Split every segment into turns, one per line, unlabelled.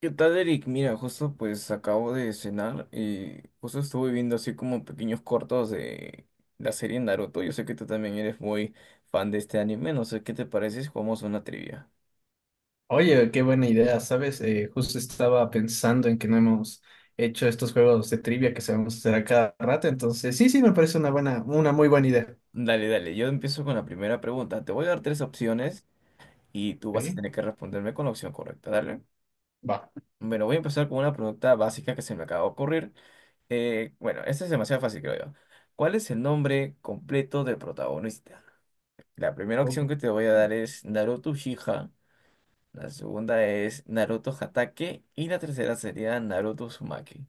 ¿Qué tal, Eric? Mira, justo pues acabo de cenar y justo estuve viendo así como pequeños cortos de la serie Naruto. Yo sé que tú también eres muy fan de este anime, no sé qué te parece si jugamos una trivia.
Oye, qué buena idea, ¿sabes? Justo estaba pensando en que no hemos hecho estos juegos de trivia que sabemos hacer a cada rato, entonces sí, sí, me parece una buena, una muy buena idea.
Dale, dale, yo empiezo con la primera pregunta. Te voy a dar tres opciones y tú vas a
Ok,
tener que responderme con la opción correcta, dale.
va.
Bueno, voy a empezar con una pregunta básica que se me acaba de ocurrir. Bueno, esta es demasiado fácil, creo yo. ¿Cuál es el nombre completo del protagonista? La primera
Ok.
opción que te voy a dar es Naruto Uchiha. La segunda es Naruto Hatake y la tercera sería Naruto Uzumaki.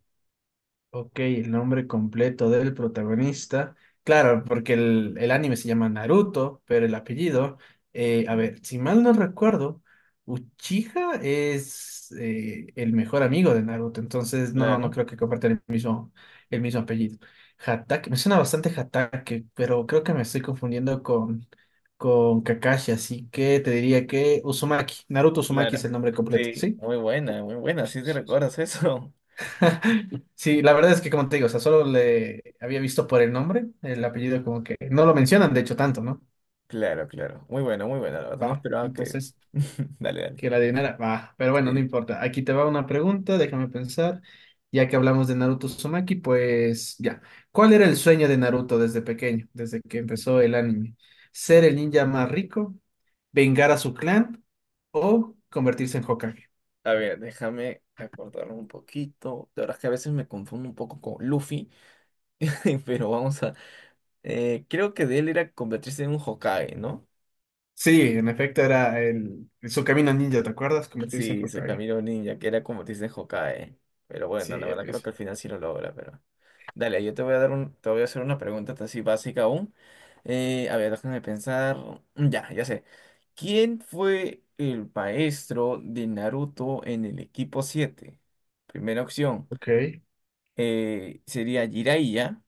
Ok, el nombre completo del protagonista. Claro, porque el anime se llama Naruto, pero el apellido, a ver, si mal no recuerdo, Uchiha es el mejor amigo de Naruto, entonces no, no
Claro,
creo que compartan el mismo apellido. Hatake, me suena bastante Hatake, pero creo que me estoy confundiendo con Kakashi, así que te diría que Uzumaki, Naruto Uzumaki es
claro.
el nombre completo,
Sí.
¿sí?
Muy buena, sí te recuerdas eso.
Sí, la verdad es que como te digo, o sea, solo le había visto por el nombre, el apellido como que no lo mencionan, de hecho, tanto, ¿no?
Claro, claro. Muy bueno, muy buena, la verdad. No
Va,
esperaba que.
entonces,
Dale, dale.
que la adivinara, va, pero bueno, no
Sí.
importa. Aquí te va una pregunta, déjame pensar. Ya que hablamos de Naruto Uzumaki, pues ya. ¿Cuál era el sueño de Naruto desde pequeño, desde que empezó el anime? ¿Ser el ninja más rico, vengar a su clan o convertirse en Hokage?
A ver, déjame acordarme un poquito. La verdad es que a veces me confundo un poco con Luffy, pero vamos a. Creo que de él era convertirse en un Hokage, ¿no?
Sí, en efecto era el, su camino ninja, ¿te acuerdas? Convertirse en
Sí, se
Hokage.
Camilo Ninja, que era como te dicen Hokage. Pero
Sí,
bueno, la verdad creo
eso.
que al final sí lo logra, pero. Dale, yo te voy a hacer una pregunta así básica aún. A ver, déjame pensar. Ya, ya sé. ¿Quién fue el maestro de Naruto en el equipo 7? Primera opción
Ok,
sería Jiraiya.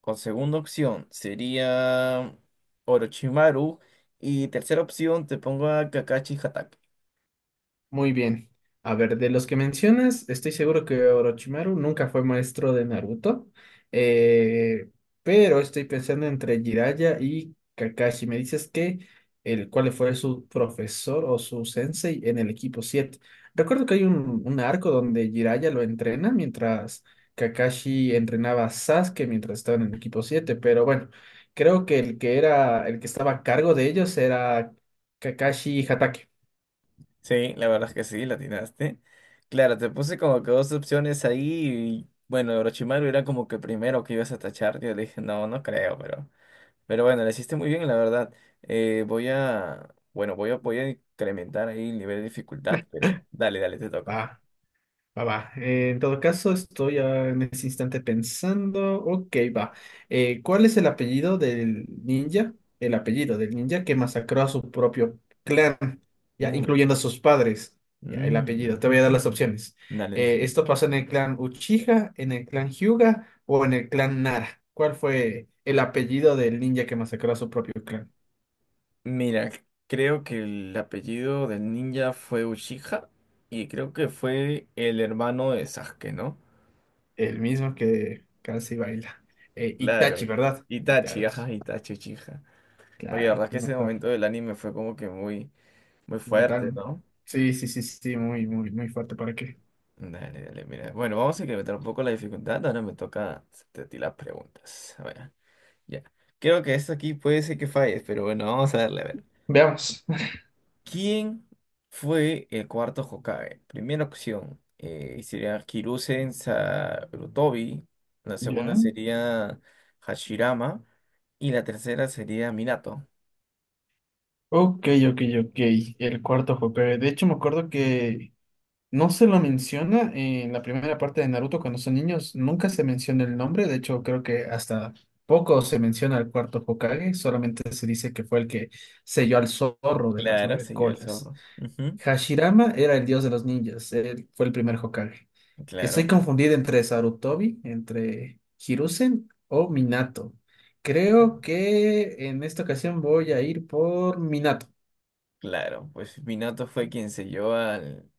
Con segunda opción sería Orochimaru. Y tercera opción te pongo a Kakashi Hatake.
muy bien. A ver, de los que mencionas, estoy seguro que Orochimaru nunca fue maestro de Naruto, eh, pero estoy pensando entre Jiraiya y Kakashi. Me dices que el cuál fue su profesor o su sensei en el equipo 7. Recuerdo que hay un arco donde Jiraiya lo entrena mientras Kakashi entrenaba a Sasuke mientras estaba en el equipo 7. Pero bueno, creo que el que era el que estaba a cargo de ellos era Kakashi Hatake.
Sí, la verdad es que sí, la atinaste. Claro, te puse como que dos opciones ahí y bueno, Orochimaru era como que primero que ibas a tachar. Yo le dije, no, no creo, pero bueno, lo hiciste muy bien, la verdad. Voy a, bueno, voy a incrementar ahí el nivel de dificultad, pero dale, dale, te toca.
Va, va, va. En todo caso, estoy ah, en ese instante pensando. Ok, va. ¿Cuál es el apellido del ninja? El apellido del ninja que masacró a su propio clan, ya
Uy.
incluyendo a sus padres. Ya, el
Mm,
apellido. Te voy a dar las opciones.
Dale, déjame.
¿Esto pasó en el clan Uchiha, en el clan Hyuga o en el clan Nara? ¿Cuál fue el apellido del ninja que masacró a su propio clan?
Mira, creo que el apellido del ninja fue Uchiha y creo que fue el hermano de Sasuke, ¿no?
El mismo que casi baila.
Claro,
Itachi, ¿verdad?
Itachi,
Itachi.
ajá, Itachi Uchiha. Oye, la
Claro,
verdad es que
el
ese
mejor.
momento del anime fue como que muy, muy fuerte,
Brutal.
¿no?
Sí, sí, sí, sí, sí, muy, muy, muy fuerte. ¿Para qué?
Dale, dale, mira. Bueno, vamos a incrementar un poco la dificultad. Ahora me toca hacerte a ti las preguntas. A ver, ya. Creo que esto aquí puede ser que falles, pero bueno, vamos a darle a ver.
Veamos.
¿Quién fue el cuarto Hokage? Primera opción sería Hiruzen Sarutobi. La segunda
Ya.
sería Hashirama. Y la tercera sería Minato.
Ok, ok, ok. El cuarto Hokage. De hecho, me acuerdo que no se lo menciona en la primera parte de Naruto cuando son niños. Nunca se menciona el nombre. De hecho, creo que hasta poco se menciona al cuarto Hokage. Solamente se dice que fue el que selló al zorro de las
Claro,
nueve
se llevó al
colas.
zorro. Ujú.
Hashirama era el dios de los ninjas, él fue el primer Hokage. Estoy
Claro,
confundido entre Sarutobi, entre Hiruzen o Minato. Creo que en esta ocasión voy a ir por Minato.
claro. Pues Minato fue quien se llevó al,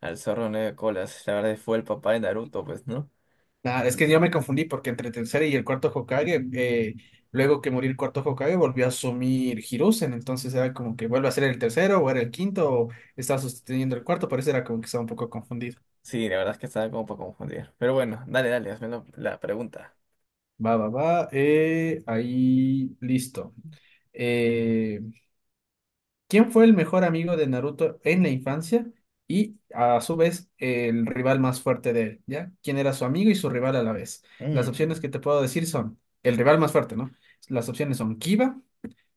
al zorro nueve colas. La verdad fue el papá de Naruto, pues, ¿no?
Ah, es que yo me confundí porque entre el tercer y el cuarto Hokage, luego que murió el cuarto Hokage, volvió a asumir Hiruzen. Entonces era como que vuelve a ser el tercero o era el quinto o está sosteniendo el cuarto. Por eso era como que estaba un poco confundido.
Sí, la verdad es que estaba como para confundir. Pero bueno, dale, dale, hazme la pregunta.
Va, va, va. Ahí, listo. Eh, ¿Quién fue el mejor amigo de Naruto en la infancia y a su vez el rival más fuerte de él? ¿Ya? ¿Quién era su amigo y su rival a la vez? Las
Mm,
opciones que te puedo decir son el rival más fuerte, ¿no? Las opciones son Kiba,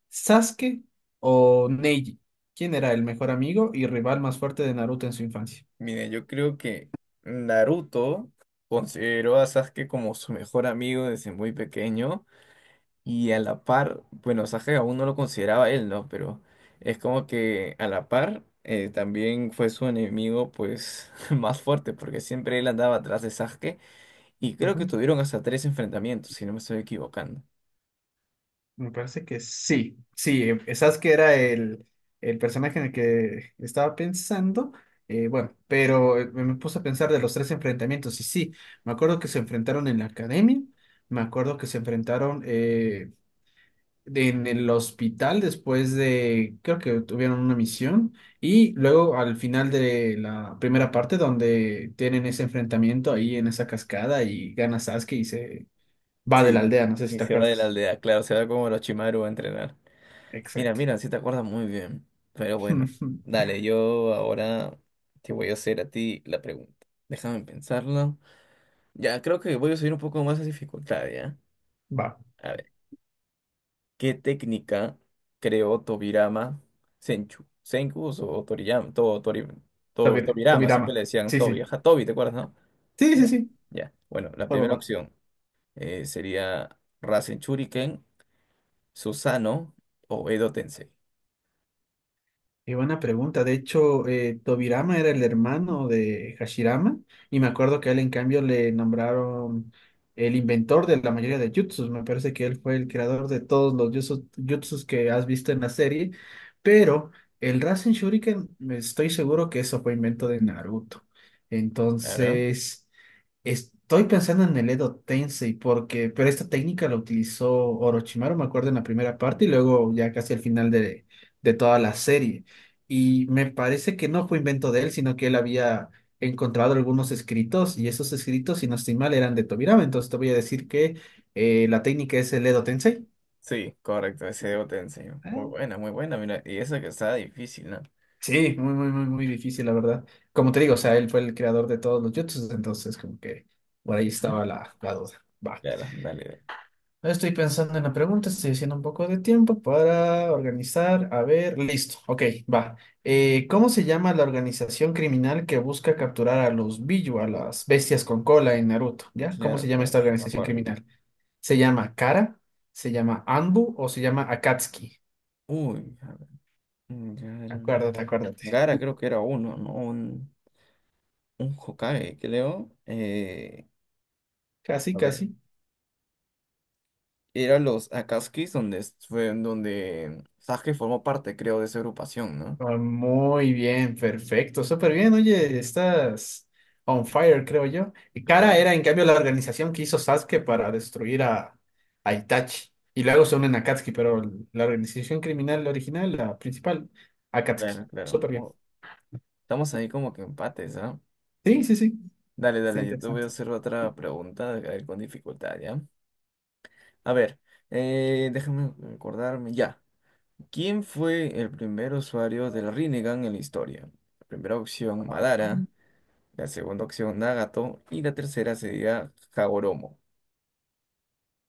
Sasuke o Neji. ¿Quién era el mejor amigo y rival más fuerte de Naruto en su infancia?
Mire, yo creo que Naruto consideró a Sasuke como su mejor amigo desde muy pequeño. Y a la par, bueno, Saje aún no lo consideraba él, ¿no? Pero es como que a la par también fue su enemigo, pues, más fuerte, porque siempre él andaba atrás de Sasuke. Y creo que
Ujú.
tuvieron hasta tres enfrentamientos, si no me estoy equivocando.
Me parece que sí, sí, esas que era el personaje en el que estaba pensando, bueno, pero me puse a pensar de los tres enfrentamientos y sí, me acuerdo que se enfrentaron en la academia, me acuerdo que se enfrentaron en el hospital después de, creo que tuvieron una misión y luego al final de la primera parte donde tienen ese enfrentamiento ahí en esa cascada y gana Sasuke y se va de la
Sí.
aldea, no sé si
Y
te
se va de la
acuerdas.
aldea, claro, se va como Orochimaru a entrenar. Mira,
Exacto.
mira, sí te acuerdas muy bien. Pero bueno, dale, yo ahora te voy a hacer a ti la pregunta. Déjame pensarlo. Ya, creo que voy a subir un poco más la dificultad, ¿ya?
Va,
A ver. ¿Qué técnica creó Tobirama Senchu? Senku o Toriyama, todo, Tobirama, siempre le
Tobirama.
decían
Sí,
Tobi.
sí.
Ajá, Tobi, ¿te acuerdas, no?
Sí, sí,
Ya.
sí.
Ya. Bueno, la
Va, va,
primera
va.
opción sería Rasen Shuriken, Susanoo o Edo Tensei.
Y buena pregunta. De hecho, Tobirama era el hermano de Hashirama y me acuerdo que a él en cambio le nombraron el inventor de la mayoría de jutsus. Me parece que él fue el creador de todos los jutsus, jutsus que has visto en la serie, pero el Rasen Shuriken, estoy seguro que eso fue invento de Naruto.
Claro.
Entonces... Estoy pensando en el Edo Tensei porque, pero esta técnica la utilizó Orochimaru, me acuerdo, en la primera parte y luego ya casi al final de toda la serie. Y me parece que no fue invento de él, sino que él había encontrado algunos escritos y esos escritos, si no estoy mal, eran de Tobirama. Entonces te voy a decir que la técnica es el Edo Tensei.
Sí, correcto, ese Edo Tensei.
Ah,
Muy buena, mira. Y eso que está difícil, ¿no?
sí, muy, muy, muy, muy difícil, la verdad. Como te digo, o sea, él fue el creador de todos los jutsus, entonces como que por ahí
Ujú.
estaba la, la duda. Va.
Claro, dale. Dale.
Estoy pensando en la pregunta, estoy haciendo un poco de tiempo para organizar. A ver, listo. Ok, va. ¿Cómo se llama la organización criminal que busca capturar a los Biju, a las bestias con cola en Naruto? ¿Ya? ¿Cómo se
Claro,
llama
claro,
esta
me
organización
acuerdo.
criminal? ¿Se llama Kara? ¿Se llama Anbu o se llama Akatsuki?
Uy, a ver, Gara.
Acuérdate, acuérdate.
Gara creo que era uno, ¿no? Un Hokage, creo.
Casi,
A ver,
casi.
era los Akatsuki donde fue en donde Sasuke formó parte, creo, de esa agrupación, ¿no?
Ah, muy bien, perfecto, súper bien. Oye, estás on fire, creo yo. Y Kara
Claro,
era, en cambio, la organización que hizo Sasuke para destruir a Itachi. Y luego se unen a Akatsuki, pero la organización criminal original, la principal, Akatsuki.
claro, claro.
Súper bien.
Oh, estamos ahí como que empates, ¿ah?
Sí, sí, sí.
Dale,
Está
dale, yo te voy a
interesante.
hacer otra pregunta, a ver, con dificultad, ¿ya? A ver, déjame acordarme, ya. ¿Quién fue el primer usuario del Rinnegan en la historia? La primera opción,
Ah,
Madara. La segunda opción, Nagato. Y la tercera sería Hagoromo.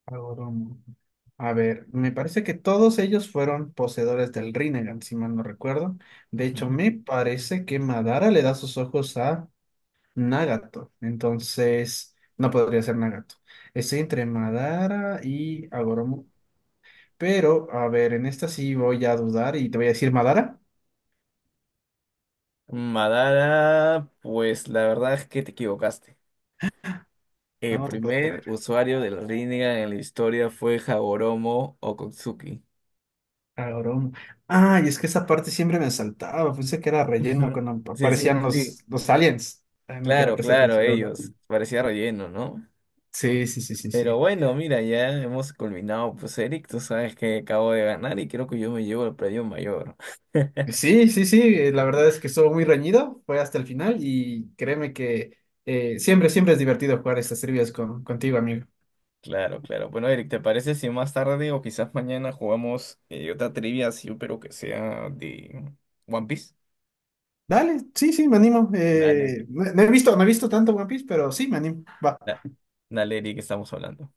Agoromo. A ver, me parece que todos ellos fueron poseedores del Rinnegan, si mal no recuerdo. De hecho, me parece que Madara le da sus ojos a Nagato. Entonces, no podría ser Nagato. Estoy entre Madara y Agoromo. Pero, a ver, en esta sí voy a dudar y te voy a decir Madara.
Madara, pues la verdad es que te equivocaste.
No,
El
no te puedo
primer
creer.
usuario del Rinnegan en la historia fue Hagoromo Okatsuki.
Agoromo. Ah, y es que esa parte siempre me saltaba. Pensé que era relleno
Ujú.
cuando
Sí, sí,
aparecían
sí.
los aliens. Ay, nunca le
Claro,
presté
claro,
atención, la verdad.
ellos. Parecía relleno, ¿no?
Sí, sí, sí, sí,
Pero
sí.
bueno, mira, ya hemos culminado. Pues Eric, tú sabes que acabo de ganar y creo que yo me llevo el premio mayor.
Sí, sí, sí. La verdad es que estuvo muy reñido. Fue hasta el final y créeme que siempre, siempre es divertido jugar estas trivias con, contigo, amigo.
Claro, claro. Bueno, Eric, ¿te parece si más tarde o quizás mañana jugamos otra trivia así, pero que sea de One Piece?
Dale, sí, sí, me animo.
Dale, Eric.
No, no he visto, no he visto tanto One Piece, pero sí, me animo. Va.
Da- Dale, Eric, que estamos hablando.